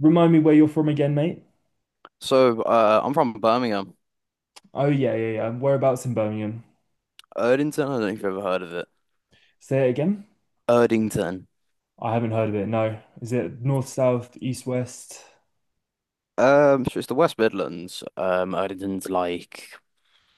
Remind me where you're from again, mate. So, I'm from Birmingham, Oh yeah, yeah, yeah. Whereabouts in Birmingham? Erdington. I don't know if you've ever heard of it. Say it again. Erdington. I haven't heard of it. No. Is it north, south, east, west? So it's the West Midlands. Erdington's like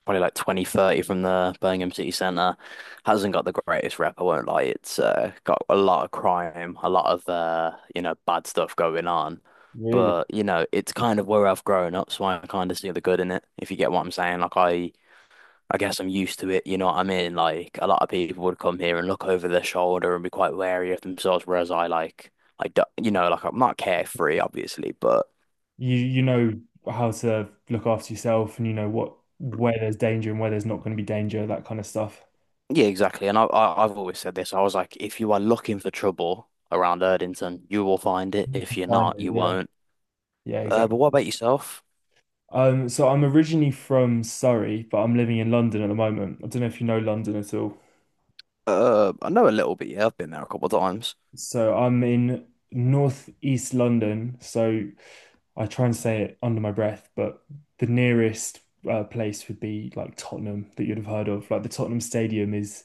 probably like 20-30 the Birmingham city centre. Hasn't got the greatest rep, I won't lie. It's got a lot of crime, a lot of bad stuff going on. Really? But it's kind of where I've grown up, so I kind of see the good in it. If you get what I'm saying, like I guess I'm used to it, you know what I mean? Like a lot of people would come here and look over their shoulder and be quite wary of themselves, whereas I like I don't, like I'm not carefree, obviously, but You know how to look after yourself and you know what where there's danger and where there's not going to be danger, that kind of stuff. yeah, exactly. And I I've always said this. I was like, if you are looking for trouble around Erdington, you will find it. You If can you're find not, it, you yeah. won't. Yeah, Uh, exactly. but what about yourself? So I'm originally from Surrey, but I'm living in London at the moment. I don't know if you know London at all. I know a little bit. Yeah, I've been there a couple of times. So I'm in northeast London. So I try and say it under my breath, but the nearest place would be like Tottenham that you'd have heard of. Like the Tottenham Stadium is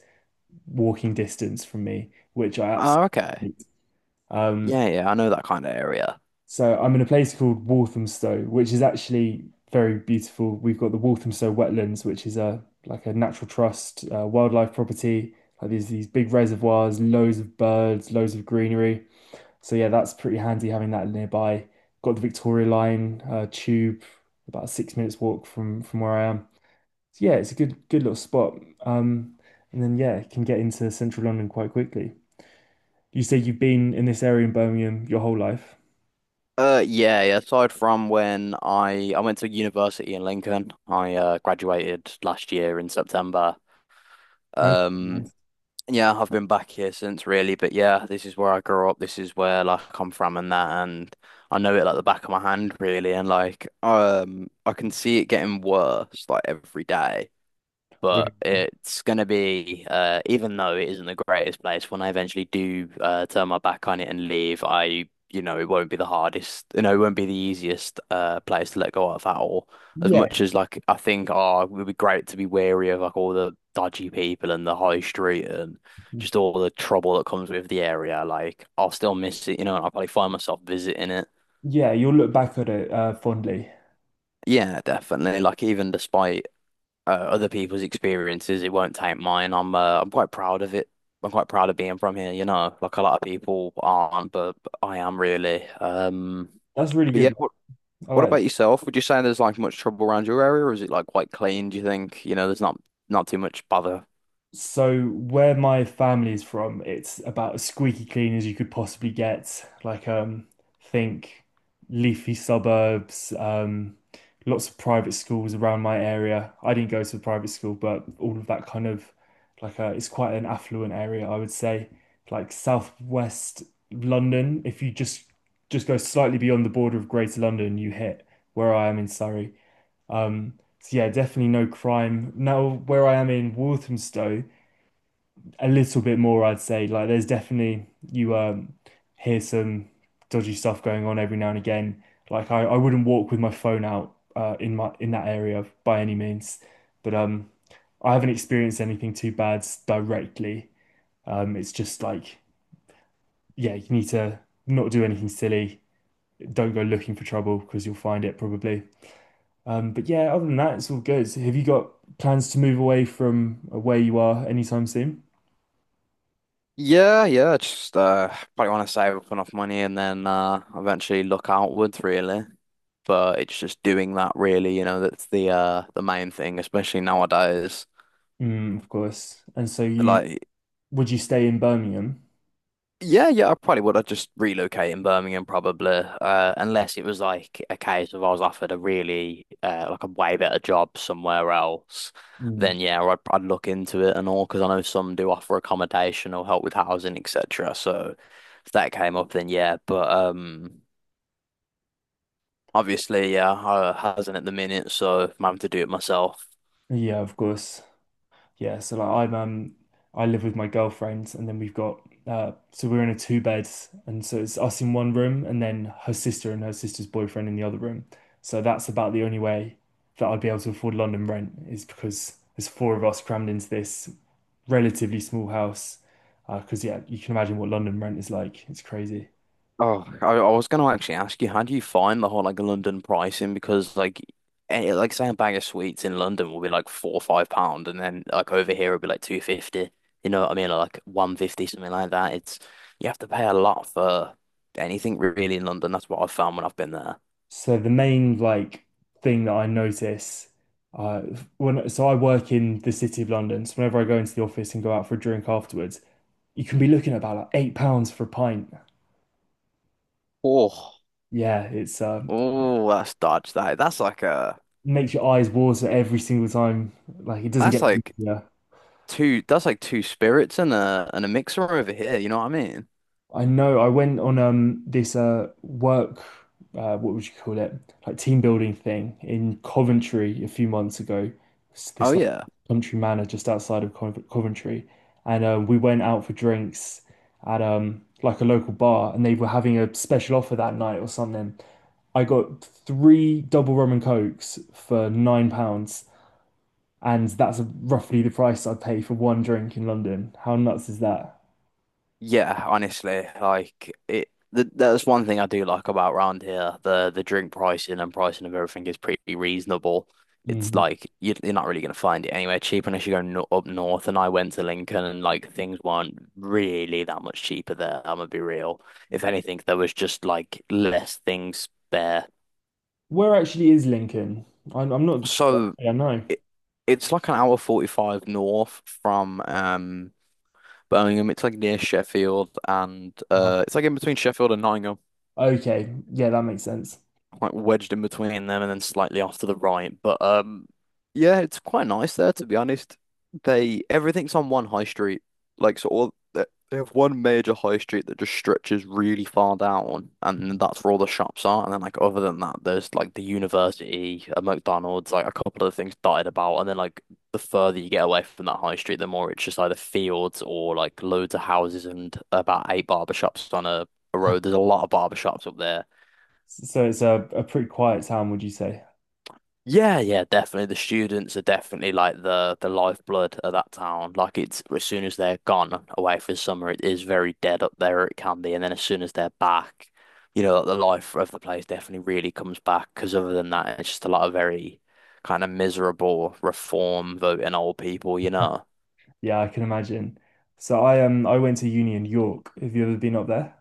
walking distance from me, which I Oh, absolutely okay. hate. Um, Yeah, yeah, I know that kind of area. so I'm in a place called Walthamstow, which is actually very beautiful. We've got the Walthamstow Wetlands, which is a like a natural trust wildlife property. Like there's these big reservoirs, loads of birds, loads of greenery. So yeah, that's pretty handy having that nearby. Got the Victoria Line tube, about a 6 minutes walk from where I am. So yeah, it's a good little spot. Um, and then yeah, can get into central London quite quickly. You say you've been in this area in Birmingham your whole life. Yeah, yeah. Aside from when I went to university in Lincoln, I graduated last year in September. Okay, Um, nice. yeah, I've been back here since really, but yeah, this is where I grew up. This is where like I'm from and that, and I know it like the back of my hand really, and like I can see it getting worse like every day. Really? But it's going to be, even though it isn't the greatest place, when I eventually do turn my back on it and leave, it won't be the hardest, it won't be the easiest place to let go of at all. As Yeah, much as like I think, oh, it would be great to be wary of like all the dodgy people and the high street and just all the trouble that comes with the area. Like I'll still miss it, and I'll probably find myself visiting it. yeah, you'll look back at it fondly. Yeah, definitely. Like even despite other people's experiences. It won't taint mine. I'm quite proud of it. I'm quite proud of being from here. Like a lot of people aren't, but I am really. Um, That's really but yeah, good. what I what like that. about yourself? Would you say there's like much trouble around your area, or is it like quite clean, do you think? There's not too much bother. So where my family is from, it's about as squeaky clean as you could possibly get. Like think leafy suburbs, lots of private schools around my area. I didn't go to a private school, but all of that kind of like it's quite an affluent area, I would say. Like southwest London, if you just go slightly beyond the border of Greater London, you hit where I am in Surrey. Um, so yeah, definitely no crime. Now where I am in Walthamstow a little bit more, I'd say. Like there's definitely you hear some dodgy stuff going on every now and again. Like I wouldn't walk with my phone out in that area by any means. But I haven't experienced anything too bad directly. It's just like yeah, you need to not do anything silly. Don't go looking for trouble because you'll find it probably. But yeah, other than that, it's all good. Have you got plans to move away from where you are anytime soon? Yeah, yeah, just probably want to save up enough money and then eventually look outwards really. But it's just doing that really. That's the main thing, especially nowadays. Mm, of course. And so you Like, Would you stay in Birmingham? yeah, yeah, I probably would. I'd just relocate in Birmingham probably, unless it was like a case of I was offered a really like a way better job somewhere else. Mm. Then yeah, I'd look into it and all because I know some do offer accommodation or help with housing, etc. So if that came up, then yeah. But obviously, yeah, I hasn't at the minute, so I'm having to do it myself. Yeah, of course. Yeah, so like I live with my girlfriend, and then we've got so we're in a two bed, and so it's us in one room and then her sister and her sister's boyfriend in the other room. So that's about the only way that I'd be able to afford London rent, is because there's four of us crammed into this relatively small house. 'Cause because yeah, you can imagine what London rent is like. It's crazy. Oh, I was going to actually ask you, how do you find the whole like London pricing? Because like, like say a bag of sweets in London will be like £4 or £5, and then like over here it'll be like 2.50. You know what I mean? Or, like 1.50, something like that. It's you have to pay a lot for anything really in London. That's what I've found when I've been there. So the main like thing that I notice, uh when so I work in the City of London, so whenever I go into the office and go out for a drink afterwards, you can be looking at about like £8 for a pint. Oh, Yeah, it's oh, that's dodge that. That's like a makes your eyes water every single time. Like it doesn't that's get like easier. That's like two spirits and a mixer over here. You know what I mean? I know I went on this work, what would you call it, like team building thing in Coventry a few months ago. It's Oh this like yeah. country manor just outside of Coventry, and we went out for drinks at like a local bar, and they were having a special offer that night or something. I got three double rum and cokes for £9, and that's roughly the price I pay for one drink in London. How nuts is that? Yeah, honestly, like it. Th that's one thing I do like about round here. The drink pricing and pricing of everything is pretty reasonable. It's like you're not really gonna find it anywhere cheap unless you go no up north. And I went to Lincoln, and like things weren't really that much cheaper there. I'm gonna be real. If anything, there was just like less things there. Where actually is Lincoln? I'm not sure. So Yeah, no. it, it's like an hour 45 north from Birmingham. It's like near Sheffield, and Uh, it's like in between Sheffield and Nottingham. okay. Yeah, that makes sense. Like wedged in between them and then slightly off to the right. But yeah, it's quite nice there to be honest. They Everything's on one high street, like so all they have one major high street that just stretches really far down, and that's where all the shops are. And then like other than that, there's like the university, a McDonald's, like a couple of things dotted about, and then like. The further you get away from that high street, the more it's just either fields or like loads of houses and about eight barber shops on a road. There's a lot of barber shops up there. So it's a pretty quiet town, would you say? Yeah, yeah, definitely. The students are definitely like the lifeblood of that town. Like it's as soon as they're gone away for summer, it is very dead up there. It can be, and then as soon as they're back, the life of the place definitely really comes back. Because other than that, it's just a lot of very kind of miserable reform voting old people, you know. Yeah, I can imagine. So I went to uni in York. Have you ever been up there?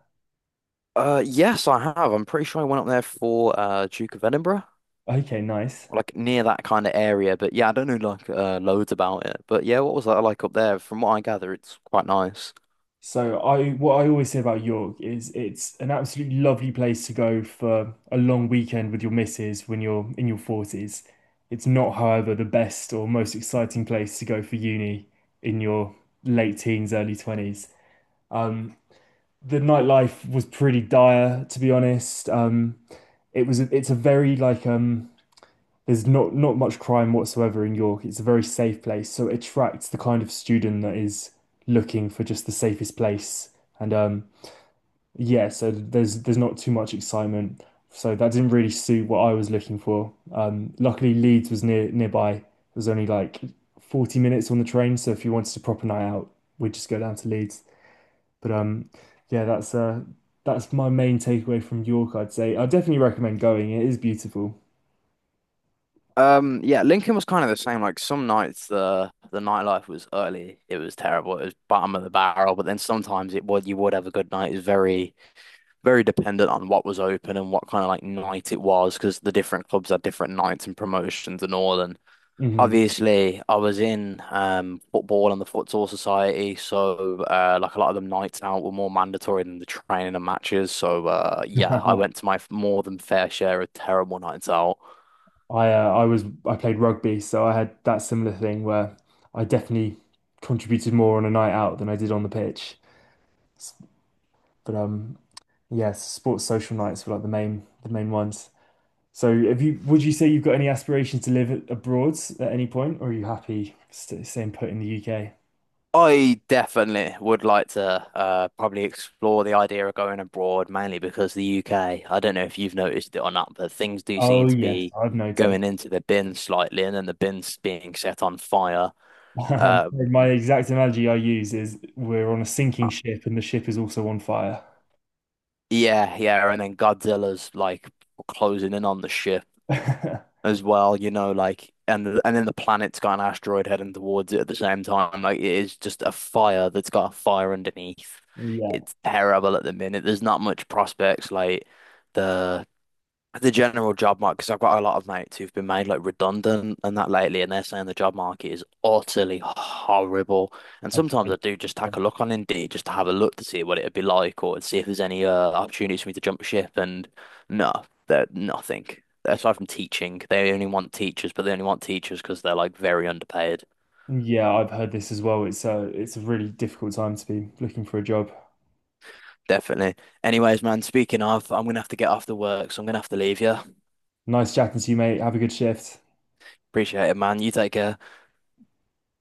Yes, I have. I'm pretty sure I went up there for Duke of Edinburgh, Okay, nice. like near that kind of area. But yeah, I don't know like loads about it. But yeah, what was that like up there? From what I gather, it's quite nice. So I what I always say about York is it's an absolutely lovely place to go for a long weekend with your missus when you're in your 40s. It's not, however, the best or most exciting place to go for uni in your late teens, early 20s. Um, the nightlife was pretty dire, to be honest. It's a very like, there's not much crime whatsoever in York. It's a very safe place, so it attracts the kind of student that is looking for just the safest place. And yeah, so there's not too much excitement. So that didn't really suit what I was looking for. Luckily Leeds was nearby. It was only like 40 minutes on the train, so if you wanted a proper night out, we'd just go down to Leeds. But Yeah, that's my main takeaway from York, I'd say. I definitely recommend going. It is beautiful. Yeah, Lincoln was kind of the same. Like some nights the nightlife was early, it was terrible, it was bottom of the barrel, but then sometimes it would you would have a good night. It was very, very dependent on what was open and what kind of like night it was, because the different clubs had different nights and promotions and all. And Hmm. obviously I was in football and the futsal society, so like a lot of them nights out were more mandatory than the training and matches. So yeah, I went to my more than fair share of terrible nights out. I played rugby, so I had that similar thing where I definitely contributed more on a night out than I did on the pitch. S- But yeah, sports social nights were like the main ones. So have you would you say you've got any aspirations to live abroad at any point, or are you happy st staying put in the UK? I definitely would like to probably explore the idea of going abroad, mainly because the UK, I don't know if you've noticed it or not, but things do Oh seem to yes, be I've noticed. going into the bin slightly and then the bin's being set on fire. Um, My exact analogy I use is we're on a uh, sinking ship and the ship is also on fire. yeah, yeah, and then Godzilla's like closing in on the ship as well, like and then the planet's got an asteroid heading towards it at the same time. Like it is just a fire that's got a fire underneath. Yeah, It's terrible at the minute. There's not much prospects. Like the the general job market, because I've got a lot of mates who've been made like redundant and that lately, and they're saying the job market is utterly horrible. And I've sometimes I heard- do just take um, a look on Indeed just to have a look to see what it'd be like or to see if there's any opportunities for me to jump ship. And no, they're nothing. Aside from teaching, they only want teachers, but they only want teachers because they're like very underpaid. yeah, I've heard this as well. It's a really difficult time to be looking for a job. Definitely. Anyways, man, speaking of, I'm gonna have to get off to work, so I'm gonna have to leave you. Nice chatting to you, mate. Have a good shift. Appreciate it, man. You take care.